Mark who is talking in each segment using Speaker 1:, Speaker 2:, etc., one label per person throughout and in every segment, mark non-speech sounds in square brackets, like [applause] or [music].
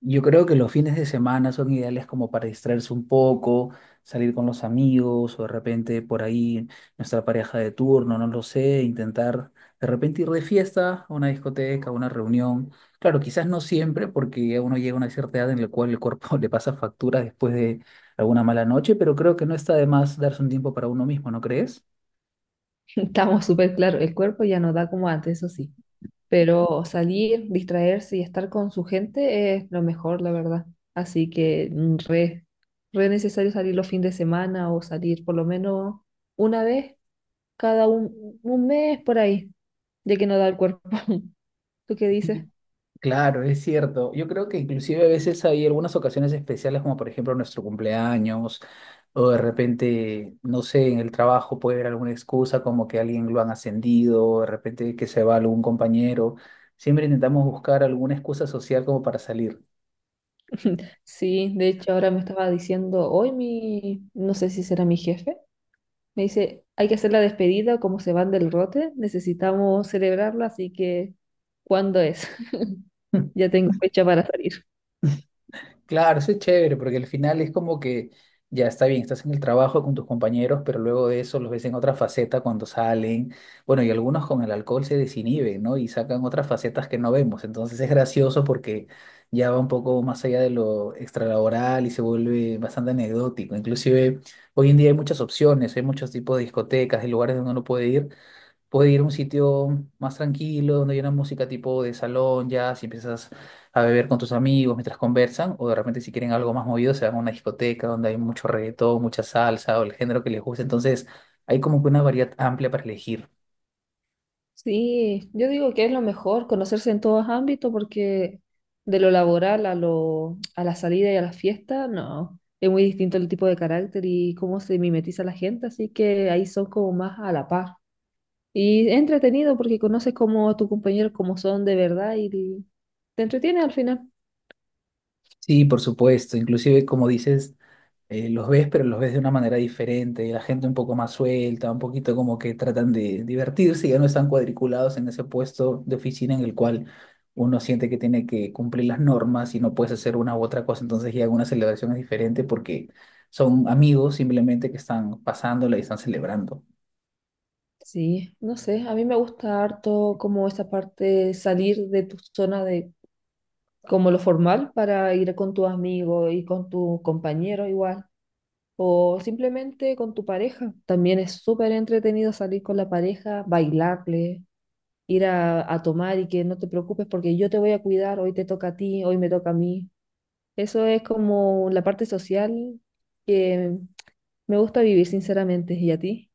Speaker 1: Yo creo que los fines de semana son ideales como para distraerse un poco, salir con los amigos o de repente por ahí nuestra pareja de turno, no lo sé, intentar de repente ir de fiesta a una discoteca, a una reunión. Claro, quizás no siempre porque ya uno llega a una cierta edad en la cual el cuerpo [laughs] le pasa factura después de alguna mala noche, pero creo que no está de más darse un tiempo para uno mismo, ¿no crees?
Speaker 2: Estamos súper claro, el cuerpo ya no da como antes, eso sí, pero salir, distraerse y estar con su gente es lo mejor, la verdad. Así que re necesario salir los fines de semana o salir por lo menos una vez cada un mes por ahí, ya que no da el cuerpo. [laughs] ¿Tú qué dices?
Speaker 1: Sí. Claro, es cierto. Yo creo que inclusive a veces hay algunas ocasiones especiales, como por ejemplo nuestro cumpleaños. O de repente, no sé, en el trabajo puede haber alguna excusa como que alguien lo han ascendido, o de repente que se va algún compañero. Siempre intentamos buscar alguna excusa social como para salir.
Speaker 2: [laughs] Sí, de hecho ahora me estaba diciendo hoy no sé si será mi jefe. Me dice, hay que hacer la despedida, como se van del rote, necesitamos celebrarla, así que ¿cuándo es? [laughs]
Speaker 1: [laughs]
Speaker 2: Ya tengo fecha para salir.
Speaker 1: Claro, eso es chévere, porque al final es como que ya está bien, estás en el trabajo con tus compañeros, pero luego de eso los ves en otra faceta cuando salen. Bueno, y algunos con el alcohol se desinhiben, ¿no? Y sacan otras facetas que no vemos. Entonces es gracioso porque ya va un poco más allá de lo extralaboral y se vuelve bastante anecdótico. Inclusive hoy en día hay muchas opciones, hay muchos tipos de discotecas y lugares donde uno puede ir a un sitio más tranquilo, donde hay una música tipo de salón, ya, si empiezas a beber con tus amigos mientras conversan, o de repente si quieren algo más movido, se van a una discoteca donde hay mucho reggaetón, mucha salsa o el género que les guste. Entonces, hay como que una variedad amplia para elegir.
Speaker 2: Sí, yo digo que es lo mejor, conocerse en todos ámbitos, porque de lo laboral a la salida y a la fiesta, no, es muy distinto el tipo de carácter y cómo se mimetiza la gente, así que ahí son como más a la par. Y es entretenido porque conoces como a tus compañeros como son de verdad y te entretiene al final.
Speaker 1: Sí, por supuesto. Inclusive, como dices, los ves, pero los ves de una manera diferente, la gente un poco más suelta, un poquito como que tratan de divertirse, ya no están cuadriculados en ese puesto de oficina en el cual uno siente que tiene que cumplir las normas y no puedes hacer una u otra cosa, entonces ya una celebración es diferente porque son amigos simplemente que están pasándola y están celebrando.
Speaker 2: Sí, no sé, a mí me gusta harto como esa parte, salir de tu zona de como lo formal para ir con tus amigos y con tu compañero igual, o simplemente con tu pareja. También es súper entretenido salir con la pareja, bailarle, a tomar y que no te preocupes porque yo te voy a cuidar, hoy te toca a ti, hoy me toca a mí. Eso es como la parte social que me gusta vivir, sinceramente. ¿Y a ti?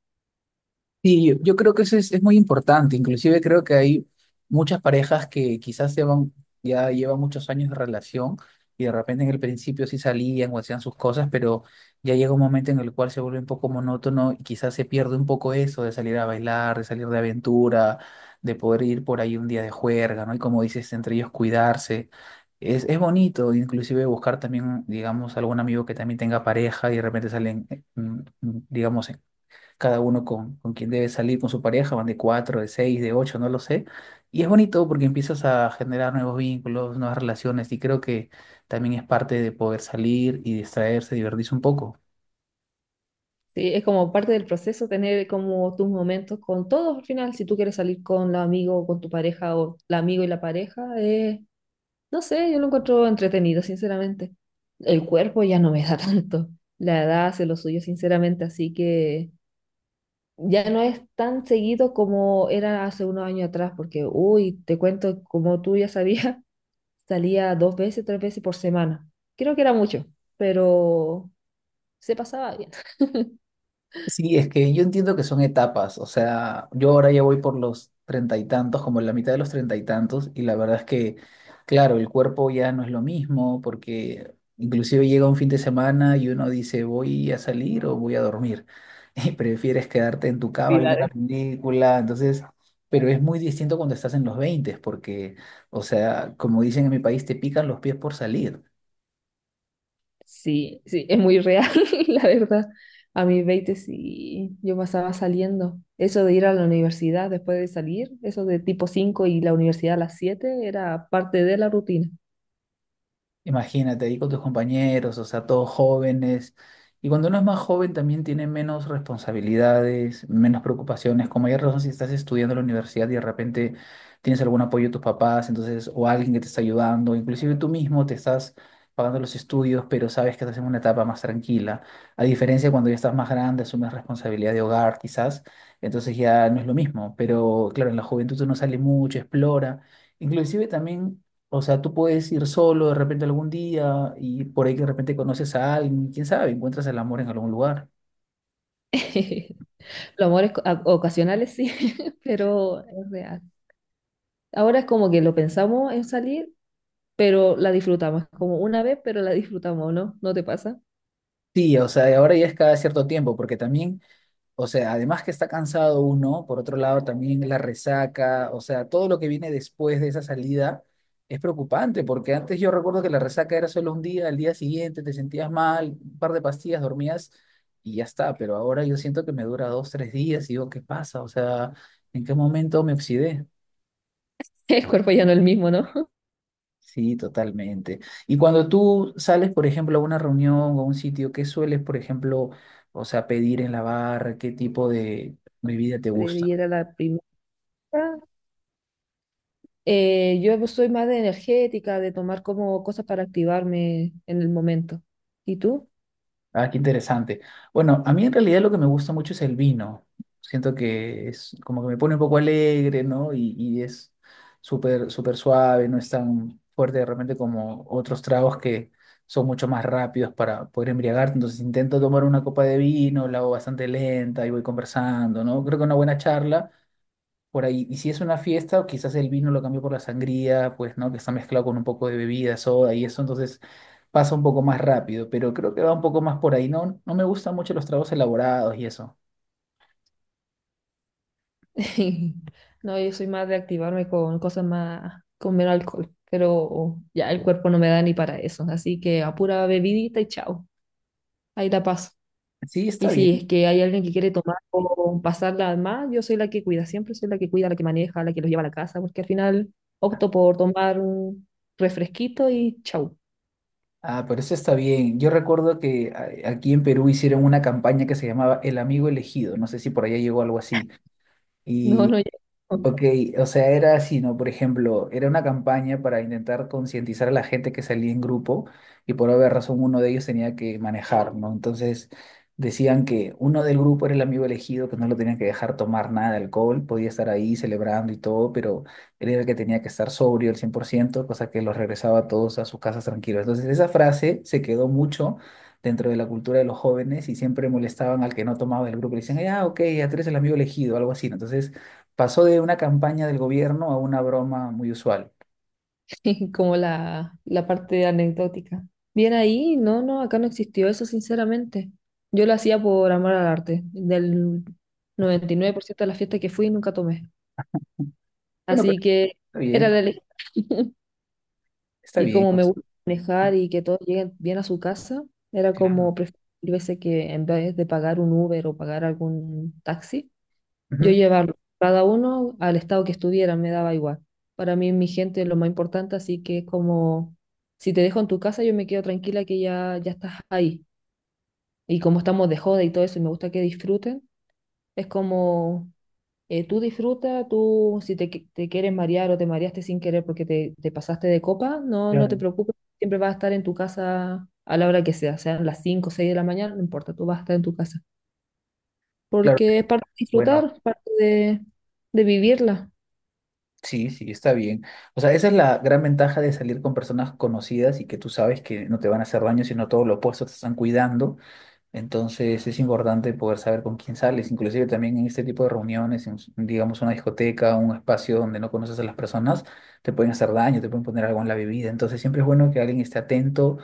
Speaker 1: Sí, yo creo que eso es muy importante. Inclusive creo que hay muchas parejas que quizás llevan, ya llevan muchos años de relación y de repente en el principio sí salían o hacían sus cosas, pero ya llega un momento en el cual se vuelve un poco monótono y quizás se pierde un poco eso de salir a bailar, de salir de aventura, de poder ir por ahí un día de juerga, ¿no? Y como dices, entre ellos cuidarse. Es bonito, inclusive buscar también, digamos, algún amigo que también tenga pareja y de repente salen, digamos, cada uno con quien debe salir con su pareja, van de cuatro, de seis, de ocho, no lo sé. Y es bonito porque empiezas a generar nuevos vínculos, nuevas relaciones y creo que también es parte de poder salir y distraerse, divertirse un poco.
Speaker 2: Sí, es como parte del proceso tener como tus momentos con todos al final. Si tú quieres salir con la amigo o con tu pareja o la amigo y la pareja, no sé, yo lo encuentro entretenido, sinceramente. El cuerpo ya no me da [laughs] tanto. La edad hace lo suyo, sinceramente, así que ya no es tan seguido como era hace unos años atrás, porque, uy, te cuento, como tú ya sabías, [laughs] salía dos veces, tres veces por semana. Creo que era mucho, pero se pasaba bien. [laughs]
Speaker 1: Sí, es que yo entiendo que son etapas, o sea, yo ahora ya voy por los treinta y tantos, como en la mitad de los treinta y tantos, y la verdad es que, claro, el cuerpo ya no es lo mismo, porque inclusive llega un fin de semana y uno dice, voy a salir o voy a dormir, [laughs] y prefieres quedarte en tu
Speaker 2: Sí,
Speaker 1: cama viendo
Speaker 2: la-
Speaker 1: Claro. una película, entonces, pero es muy distinto cuando estás en los veinte, porque, o sea, como dicen en mi país, te pican los pies por salir.
Speaker 2: Sí, es muy real, [laughs] la verdad. A mis 20 sí, yo pasaba saliendo. Eso de ir a la universidad después de salir, eso de tipo 5 y la universidad a las 7, era parte de la rutina.
Speaker 1: Imagínate ahí con tus compañeros, o sea, todos jóvenes. Y cuando uno es más joven también tiene menos responsabilidades, menos preocupaciones. Como ya razón, si estás estudiando en la universidad y de repente tienes algún apoyo de tus papás, entonces, o alguien que te está ayudando, inclusive tú mismo te estás pagando los estudios, pero sabes que estás en una etapa más tranquila. A diferencia de cuando ya estás más grande, asumes responsabilidad de hogar, quizás, entonces ya no es lo mismo. Pero claro, en la juventud uno sale mucho, explora. Inclusive también o sea, tú puedes ir solo de repente algún día y por ahí que de repente conoces a alguien, quién sabe, encuentras el amor en algún lugar.
Speaker 2: [laughs] Los amores ocasionales sí, [laughs] pero es real. Ahora es como que lo pensamos en salir, pero la disfrutamos. Es como una vez, pero la disfrutamos, ¿no? ¿No te pasa?
Speaker 1: Sí, o sea, y ahora ya es cada cierto tiempo, porque también, o sea, además que está cansado uno, por otro lado también la resaca, o sea, todo lo que viene después de esa salida es preocupante, porque antes yo recuerdo que la resaca era solo un día, al día siguiente te sentías mal, un par de pastillas, dormías y ya está, pero ahora yo siento que me dura 2, 3 días y digo, ¿qué pasa? O sea, ¿en qué momento me oxidé?
Speaker 2: [laughs] El cuerpo ya no es el mismo, ¿no? [laughs]
Speaker 1: Sí, totalmente. Y cuando tú sales, por ejemplo, a una reunión o a un sitio, ¿qué sueles, por ejemplo, o sea, pedir en la barra? ¿Qué tipo de bebida te
Speaker 2: Siempre
Speaker 1: gusta?
Speaker 2: ir a la primera. Yo soy más de energética, de tomar como cosas para activarme en el momento. ¿Y tú?
Speaker 1: Ah, qué interesante. Bueno, a mí en realidad lo que me gusta mucho es el vino. Siento que es como que me pone un poco alegre, ¿no? Y es súper, súper suave, no es tan fuerte de repente como otros tragos que son mucho más rápidos para poder embriagarte. Entonces intento tomar una copa de vino, la hago bastante lenta y voy conversando, ¿no? Creo que una buena charla por ahí. Y si es una fiesta, o quizás el vino lo cambió por la sangría, pues, ¿no? Que está mezclado con un poco de bebida, soda y eso, entonces pasa un poco más rápido, pero creo que va un poco más por ahí. No, no me gustan mucho los tragos elaborados y eso.
Speaker 2: [laughs] No, yo soy más de activarme con cosas más, con menos alcohol, pero ya el cuerpo no me da ni para eso, así que a pura bebidita y chao, ahí la paso.
Speaker 1: Sí,
Speaker 2: Y
Speaker 1: está bien.
Speaker 2: si es que hay alguien que quiere tomar o pasarla más, yo soy la que cuida, siempre soy la que cuida, la que maneja, la que los lleva a la casa, porque al final opto por tomar un refresquito y chau.
Speaker 1: Ah, pero eso está bien. Yo recuerdo que aquí en Perú hicieron una campaña que se llamaba El Amigo Elegido. No sé si por allá llegó algo así.
Speaker 2: [laughs] No, no llego.
Speaker 1: Ok, o sea, era así, ¿no? Por ejemplo, era una campaña para intentar concientizar a la gente que salía en grupo y por haber razón uno de ellos tenía que manejar, ¿no? Entonces decían que uno del grupo era el amigo elegido, que no lo tenían que dejar tomar nada de alcohol, podía estar ahí celebrando y todo, pero él era el que tenía que estar sobrio al 100%, cosa que los regresaba a todos a sus casas tranquilos. Entonces esa frase se quedó mucho dentro de la cultura de los jóvenes y siempre molestaban al que no tomaba del grupo. Le decían, ah, ok, ya tú eres el amigo elegido, algo así, ¿no? Entonces... Pasó de una campaña del gobierno a una broma muy usual.
Speaker 2: [laughs] Como la parte anecdótica. Bien ahí, no, acá no existió eso, sinceramente. Yo lo hacía por amor al arte. Del 99% de las fiestas que fui, nunca tomé.
Speaker 1: Bueno, pero
Speaker 2: Así que
Speaker 1: está
Speaker 2: era la
Speaker 1: bien,
Speaker 2: elección. [laughs]
Speaker 1: está
Speaker 2: Y
Speaker 1: bien.
Speaker 2: como
Speaker 1: O
Speaker 2: me
Speaker 1: sea,
Speaker 2: gusta manejar
Speaker 1: sí,
Speaker 2: y que todos lleguen bien a su casa, era
Speaker 1: claro.
Speaker 2: como preferir veces que en vez de pagar un Uber o pagar algún taxi, yo
Speaker 1: Ujú,
Speaker 2: llevarlo cada uno al estado que estuvieran, me daba igual. Para mí, mi gente es lo más importante, así que es como, si te dejo en tu casa, yo me quedo tranquila que ya estás ahí. Y como estamos de joda y todo eso, y me gusta que disfruten, es como, tú disfruta, tú si te, qui- te quieres marear o te mareaste sin querer porque te pasaste de copa, no te
Speaker 1: claro,
Speaker 2: preocupes, siempre vas a estar en tu casa a la hora que sea, sean las 5 o 6 de la mañana, no importa, tú vas a estar en tu casa.
Speaker 1: claro.
Speaker 2: Porque es parte de
Speaker 1: Bueno,
Speaker 2: disfrutar, parte de vivirla.
Speaker 1: sí, sí, está bien. O sea, esa es la gran ventaja de salir con personas conocidas y que tú sabes que no te van a hacer daño, sino todo lo opuesto, te están cuidando. Entonces es importante poder saber con quién sales, inclusive también en este tipo de reuniones, en, digamos una discoteca, un espacio donde no conoces a las personas, te pueden hacer daño, te pueden poner algo en la bebida. Entonces siempre es bueno que alguien esté atento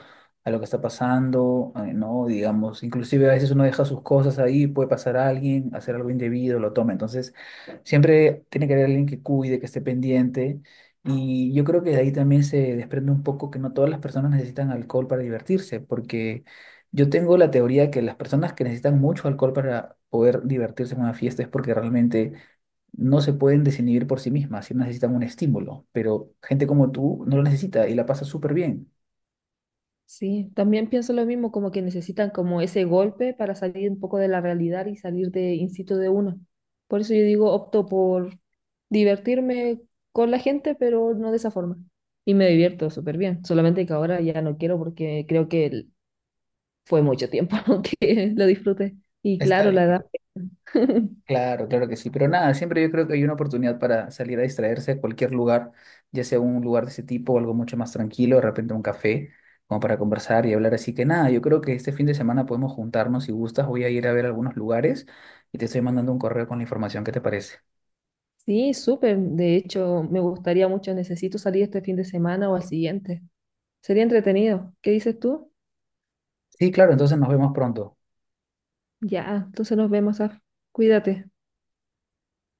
Speaker 1: a lo que está pasando, ¿no? Digamos, inclusive a veces uno deja sus cosas ahí, puede pasar a alguien, hacer algo indebido, lo toma. Entonces siempre tiene que haber alguien que cuide, que esté pendiente. Y yo creo que de ahí también se desprende un poco que no todas las personas necesitan alcohol para divertirse, porque yo tengo la teoría que las personas que necesitan mucho alcohol para poder divertirse en una fiesta es porque realmente no se pueden desinhibir por sí mismas, sí necesitan un estímulo, pero gente como tú no lo necesita y la pasa súper bien.
Speaker 2: Sí, también pienso lo mismo, como que necesitan como ese golpe para salir un poco de la realidad y salir de instinto de uno. Por eso yo digo, opto por divertirme con la gente, pero no de esa forma. Y me divierto súper bien, solamente que ahora ya no quiero porque creo que el fue mucho tiempo [laughs] que lo disfruté. Y
Speaker 1: Está
Speaker 2: claro,
Speaker 1: bien,
Speaker 2: la edad. [laughs]
Speaker 1: claro, claro que sí, pero nada, siempre yo creo que hay una oportunidad para salir a distraerse a cualquier lugar, ya sea un lugar de ese tipo o algo mucho más tranquilo, de repente un café, como para conversar y hablar. Así que nada, yo creo que este fin de semana podemos juntarnos si gustas, voy a ir a ver algunos lugares y te estoy mandando un correo con la información, ¿qué te parece?
Speaker 2: Sí, súper. De hecho, me gustaría mucho, necesito salir este fin de semana o al siguiente. Sería entretenido. ¿Qué dices tú?
Speaker 1: Sí, claro, entonces nos vemos pronto.
Speaker 2: Ya, entonces nos vemos, Af. Cuídate.